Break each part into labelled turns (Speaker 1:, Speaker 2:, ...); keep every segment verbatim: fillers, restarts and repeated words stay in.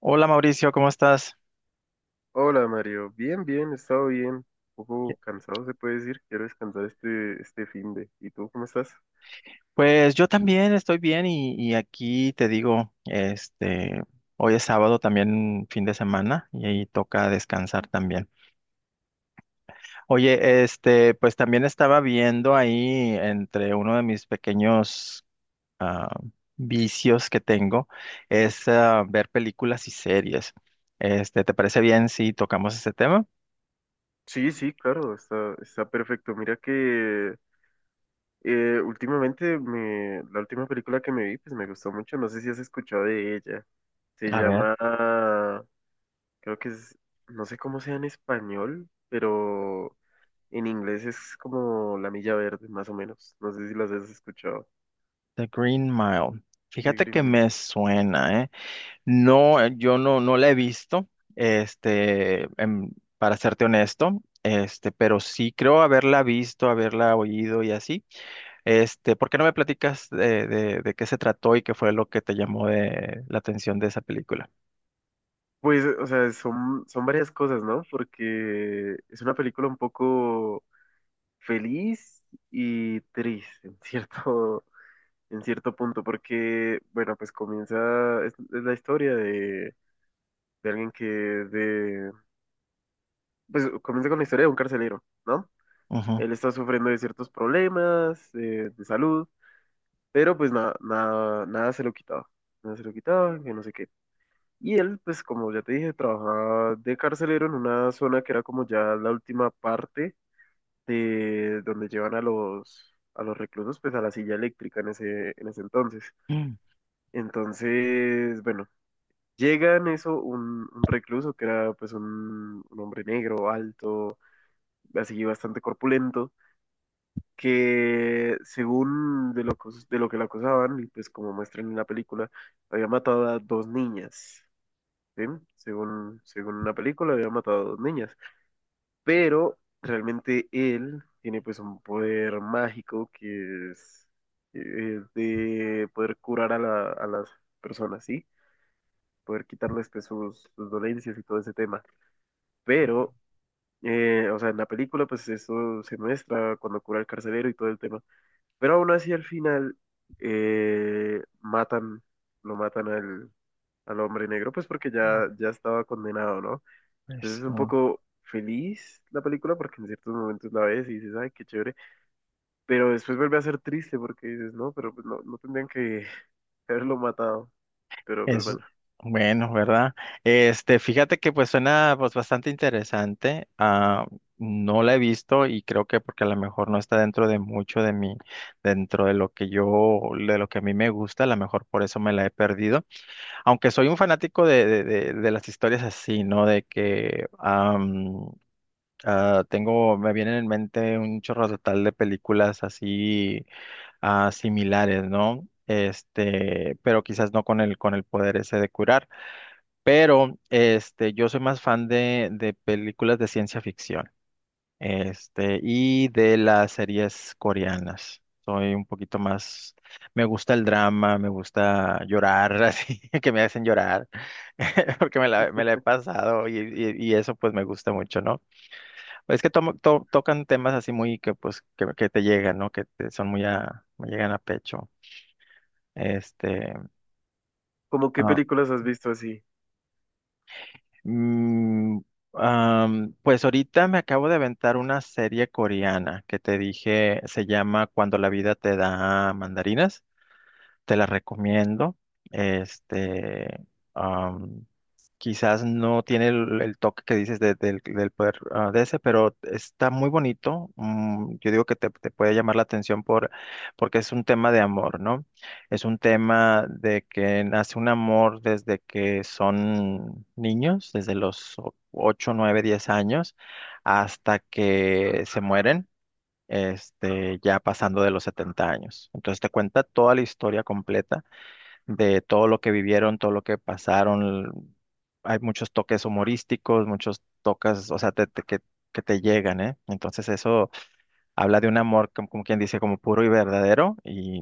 Speaker 1: Hola Mauricio, ¿cómo estás?
Speaker 2: Hola Mario, bien, bien, he estado bien, un poco cansado se puede decir, quiero descansar este, este fin de. ¿Y tú cómo estás?
Speaker 1: Pues yo también estoy bien y, y aquí te digo, este, hoy es sábado, también fin de semana, y ahí toca descansar también. Oye, este, pues también estaba viendo ahí entre uno de mis pequeños ah, vicios que tengo es, ah, ver películas y series. Este, ¿te parece bien si tocamos ese tema?
Speaker 2: Sí, sí, claro, está, está perfecto. Mira que eh, últimamente me, la última película que me vi, pues me gustó mucho, no sé si has escuchado de ella. Se
Speaker 1: A ver,
Speaker 2: llama, creo que es, No sé cómo sea en español, pero en inglés es como La Milla Verde, más o menos. No sé si las has escuchado
Speaker 1: The Green Mile.
Speaker 2: de
Speaker 1: Fíjate
Speaker 2: Green
Speaker 1: que
Speaker 2: Mile.
Speaker 1: me suena, ¿eh? No, eh, yo no, no la he visto, este, em, para serte honesto, este, pero sí creo haberla visto, haberla oído y así. Este, ¿por qué no me platicas de, de, de qué se trató y qué fue lo que te llamó de la atención de esa película?
Speaker 2: Pues, o sea, son, son varias cosas, ¿no? Porque es una película un poco feliz y triste, en cierto, en cierto punto, porque, bueno, pues comienza, es, es la historia de, de alguien que, de, pues comienza con la historia de un carcelero, ¿no?
Speaker 1: Ujú.
Speaker 2: Él está sufriendo de ciertos problemas eh, de salud, pero pues nada, nada, nada se lo quitaba, nada se lo quitaba, que no sé qué. Y él, pues como ya te dije, trabajaba de carcelero en una zona que era como ya la última parte de donde llevan a los, a los reclusos, pues a la silla eléctrica en ese, en ese entonces.
Speaker 1: Mm,
Speaker 2: Entonces, bueno, llega en eso un, un recluso que era pues un, un hombre negro, alto, así bastante corpulento, que según de lo, que- de lo que lo acusaban, y pues como muestran en la película, había matado a dos niñas. ¿Sí? Según, según una película, había matado a dos niñas. Pero realmente él tiene pues un poder mágico que es, eh, de poder curar a, la- a las personas, ¿sí? Poder quitarles pues, sus, sus dolencias y todo ese tema. Pero, eh, o sea, en la película pues eso se muestra cuando cura al carcelero y todo el tema. Pero aún así al final eh, matan, lo matan al, al hombre negro pues porque ya, ya estaba condenado, ¿no? Entonces
Speaker 1: pues,
Speaker 2: es
Speaker 1: sí.
Speaker 2: un poco feliz la película porque en ciertos momentos la ves y dices, ay, qué chévere, pero después vuelve a ser triste porque dices, no, pero pues no, no tendrían que haberlo matado. Pero pues
Speaker 1: Es
Speaker 2: bueno,
Speaker 1: bueno, ¿verdad? Este, fíjate que pues suena pues bastante interesante. Ah, no la he visto y creo que porque a lo mejor no está dentro de mucho de mí, dentro de lo que yo, de lo que a mí me gusta, a lo mejor por eso me la he perdido. Aunque soy un fanático de, de, de, de las historias así, ¿no? De que am, ah, tengo, me vienen en mente un chorro total de películas así, ah, similares, ¿no? Este, pero quizás no con el con el poder ese de curar. Pero este, yo soy más fan de, de películas de ciencia ficción, este, y de las series coreanas. Soy un poquito más, me gusta el drama, me gusta llorar, así que me hacen llorar, porque me la, me la he pasado y, y- y eso pues me gusta mucho, ¿no? Es que tomo- to- tocan temas así muy que pues que, que te llegan, ¿no? Que te- son muy a, me llegan a pecho. Este,
Speaker 2: ¿cómo qué películas has visto así?
Speaker 1: Mm, am, pues ahorita me acabo de aventar una serie coreana que te dije, se llama Cuando la vida te da mandarinas. Te la recomiendo. Este, Quizás no tiene el, el toque que dices de- del, del poder, ah, de ese, pero está muy bonito. Mm, yo digo que te, te puede llamar la atención por, porque es un tema de amor, ¿no? Es un tema de que nace un amor desde que son niños, desde los o- ocho, nueve, diez años, hasta que se mueren, este, ya pasando de los setenta años. Entonces te cuenta toda la historia completa de todo lo que vivieron, todo lo que pasaron. Hay muchos toques humorísticos, muchos toques, o sea, te- te- que, que te llegan, ¿eh? Entonces eso habla de un amor, como, como quien dice, como puro y verdadero y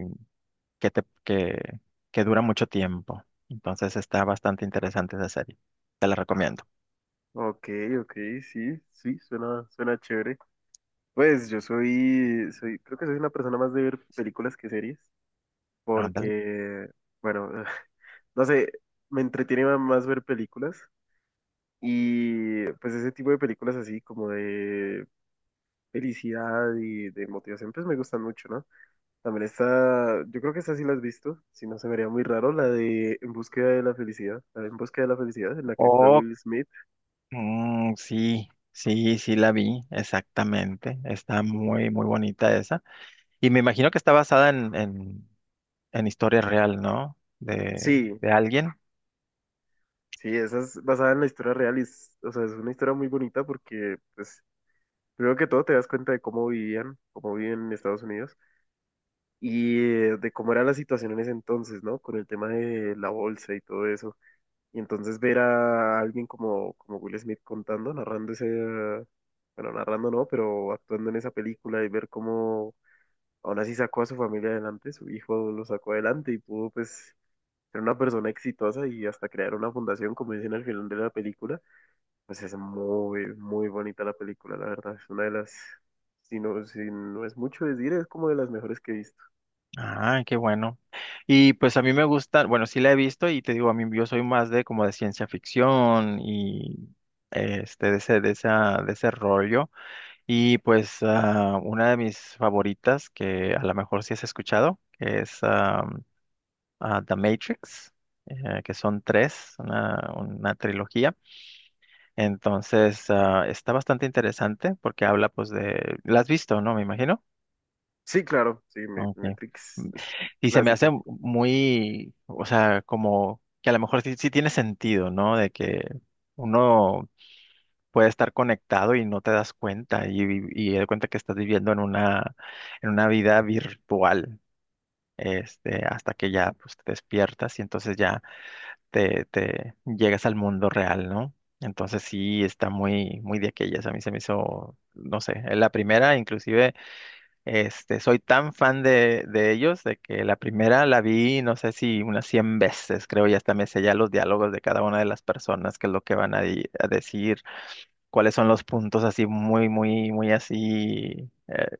Speaker 1: que, te, que, que dura mucho tiempo. Entonces está bastante interesante esa serie. Te la recomiendo.
Speaker 2: Ok, ok, sí, sí, suena, suena chévere. Pues yo soy, soy, creo que soy una persona más de ver películas que series,
Speaker 1: Ándale.
Speaker 2: porque, bueno, no sé, me entretiene más ver películas y pues ese tipo de películas así como de felicidad y de motivación, pues me gustan mucho, ¿no? También está, yo creo que esta sí la has visto, si no se me haría muy raro, la de En búsqueda de la felicidad, la de En búsqueda de la felicidad, en la que actúa
Speaker 1: Oh,
Speaker 2: Will Smith.
Speaker 1: mm, sí, sí, sí la vi, exactamente. Está muy, muy bonita esa. Y me imagino que está basada en, en en historia real, ¿no? De,
Speaker 2: Sí,
Speaker 1: de alguien.
Speaker 2: sí, esa es basada en la historia real y es, o sea, es una historia muy bonita porque, pues, primero que todo te das cuenta de cómo vivían, cómo viven en Estados Unidos y eh, de cómo era la situación en ese entonces, ¿no? Con el tema de la bolsa y todo eso. Y entonces ver a alguien como, como Will Smith contando, narrando ese, bueno, narrando no, pero actuando en esa película y ver cómo aún así sacó a su familia adelante, su hijo lo sacó adelante y pudo pues ser una persona exitosa y hasta crear una fundación, como dicen al final de la película, pues es muy, muy bonita la película, la verdad, es una de las, si no, si no es mucho decir, es como de las mejores que he visto.
Speaker 1: Ah, qué bueno. Y pues a mí me gusta, bueno, sí la he visto y te digo, a mí yo soy más de como de ciencia ficción y este, de ese, de esa, de ese rollo. Y pues, ah, una de mis favoritas, que a lo mejor sí has escuchado, que es ah, ah, The Matrix, eh, que son tres, una, una trilogía. Entonces, ah, está bastante interesante porque habla pues de, la has visto, ¿no? Me imagino.
Speaker 2: Sí, claro, sí, Me-
Speaker 1: Ok.
Speaker 2: Matrix
Speaker 1: Mm,
Speaker 2: es
Speaker 1: y se me hace
Speaker 2: clásica.
Speaker 1: muy, o sea, como que a lo mejor sí, sí tiene sentido, ¿no? De que uno puede estar conectado y no te das cuenta y, vi- y te das cuenta que estás viviendo en una, en una vida virtual, este, hasta que ya pues, te despiertas y entonces ya te, te llegas al mundo real, ¿no? Entonces sí está muy, muy de aquellas. A mí se me hizo, no sé, la primera inclusive. Este, soy tan fan de, de ellos, de que la primera la vi, no sé si unas cien veces, creo, y hasta me sé ya los diálogos de cada una de las personas, qué es lo que van a, di- a decir, cuáles son los puntos así muy, muy, muy así, eh,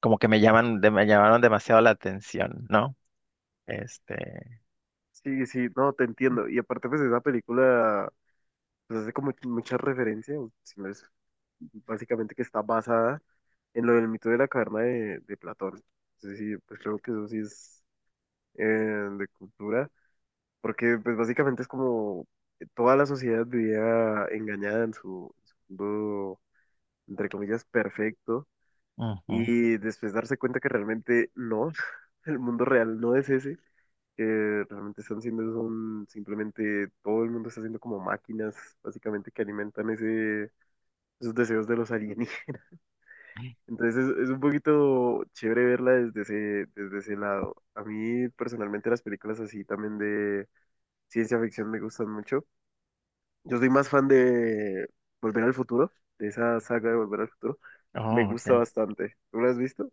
Speaker 1: como que me llaman, de- me llamaron demasiado la atención, ¿no? Este,
Speaker 2: Sí, sí, no, te entiendo. Y aparte, pues esa película pues hace como mucha referencia, o si no es básicamente que está basada en lo del mito de la caverna de, de Platón. Entonces sí, pues creo que eso sí es eh, de cultura, porque pues básicamente es como toda la sociedad vivía engañada en su, en su mundo, entre comillas, perfecto,
Speaker 1: ujú.
Speaker 2: y después darse cuenta que realmente no, el mundo real no es ese. Que realmente están siendo son simplemente todo el mundo está haciendo como máquinas básicamente que alimentan ese esos deseos de los alienígenas. Entonces es, es un poquito chévere verla desde ese, desde ese lado. A mí personalmente las películas así también de ciencia ficción me gustan mucho. Yo soy más fan de Volver al Futuro, de esa saga de Volver al Futuro. Me
Speaker 1: Oh,
Speaker 2: gusta
Speaker 1: ok.
Speaker 2: bastante. ¿Tú la has visto?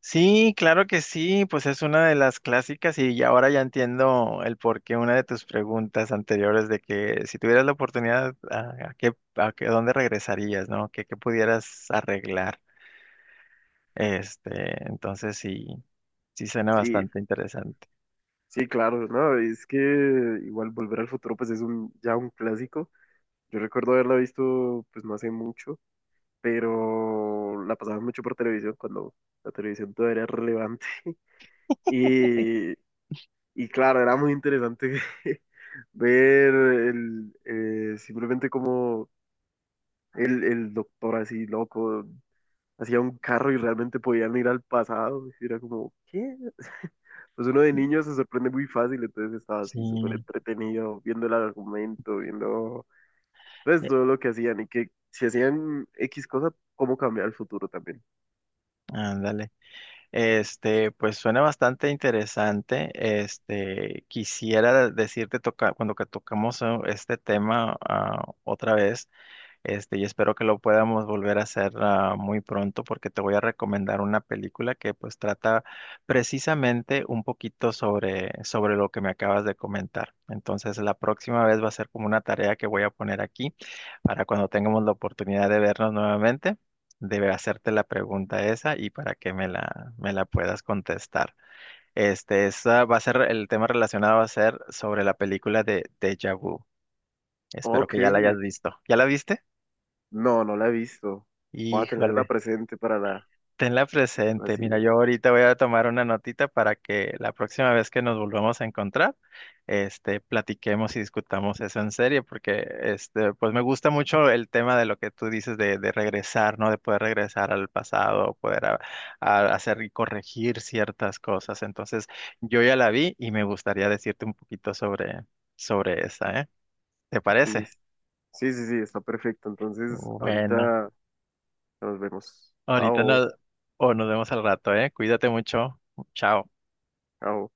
Speaker 1: Sí, claro que sí, pues es una de las clásicas y ya ahora ya entiendo el porqué una de tus preguntas anteriores de que si tuvieras la oportunidad, ¿a, a qué, a qué- dónde regresarías, ¿no? ¿Qué, qué pudieras arreglar? Este, entonces sí, sí suena
Speaker 2: Sí,
Speaker 1: bastante interesante.
Speaker 2: sí, claro, ¿no? Es que igual Volver al Futuro pues es un, ya un clásico. Yo recuerdo haberla visto pues no hace mucho, pero la pasaba mucho por televisión cuando la televisión todavía era relevante. Y, y claro, era muy interesante ver el, eh, simplemente como el, el doctor así loco hacía un carro y realmente podían ir al pasado. Y era como, ¿qué? Pues uno de niño se sorprende muy fácil, entonces estaba así súper
Speaker 1: Sí,
Speaker 2: entretenido viendo el argumento, viendo pues
Speaker 1: ya,
Speaker 2: todo lo que hacían y que si hacían X cosa, cómo cambiar el futuro también.
Speaker 1: ándale. Este, pues suena bastante interesante. Este, quisiera decirte toca, cuando que tocamos, eh, este tema, ah, otra vez. Este, y espero que lo podamos volver a hacer, ah, muy pronto, porque te voy a recomendar una película que pues trata precisamente un poquito sobre, sobre lo que me acabas de comentar. Entonces la próxima vez va a ser como una tarea que voy a poner aquí para cuando tengamos la oportunidad de vernos nuevamente, debe hacerte la pregunta esa y para que me la, me la puedas contestar. Este, esa va a ser el tema relacionado va a ser sobre la película de Deja Vu. Espero
Speaker 2: Ok,
Speaker 1: que ya la hayas visto. ¿Ya la viste?
Speaker 2: no, no la he visto. Voy a tenerla
Speaker 1: Híjole.
Speaker 2: presente para la,
Speaker 1: Tenla presente. Mira, yo
Speaker 2: la
Speaker 1: ahorita voy a tomar una notita para que la próxima vez que nos volvamos a encontrar, este, platiquemos y discutamos eso en serio, porque este, pues me gusta mucho el tema de lo que tú dices de, de regresar, ¿no? De poder regresar al pasado, poder a- a hacer y corregir ciertas cosas. Entonces, yo ya la vi y me gustaría decirte un poquito sobre, sobre esa, ¿eh? ¿Te parece?
Speaker 2: siguiente. Sí, sí, sí, está perfecto. Entonces,
Speaker 1: Bueno,
Speaker 2: ahorita nos vemos.
Speaker 1: ahorita
Speaker 2: Chao,
Speaker 1: nos, o nos vemos al rato, ¿eh? Cuídate mucho. Chao.
Speaker 2: chao.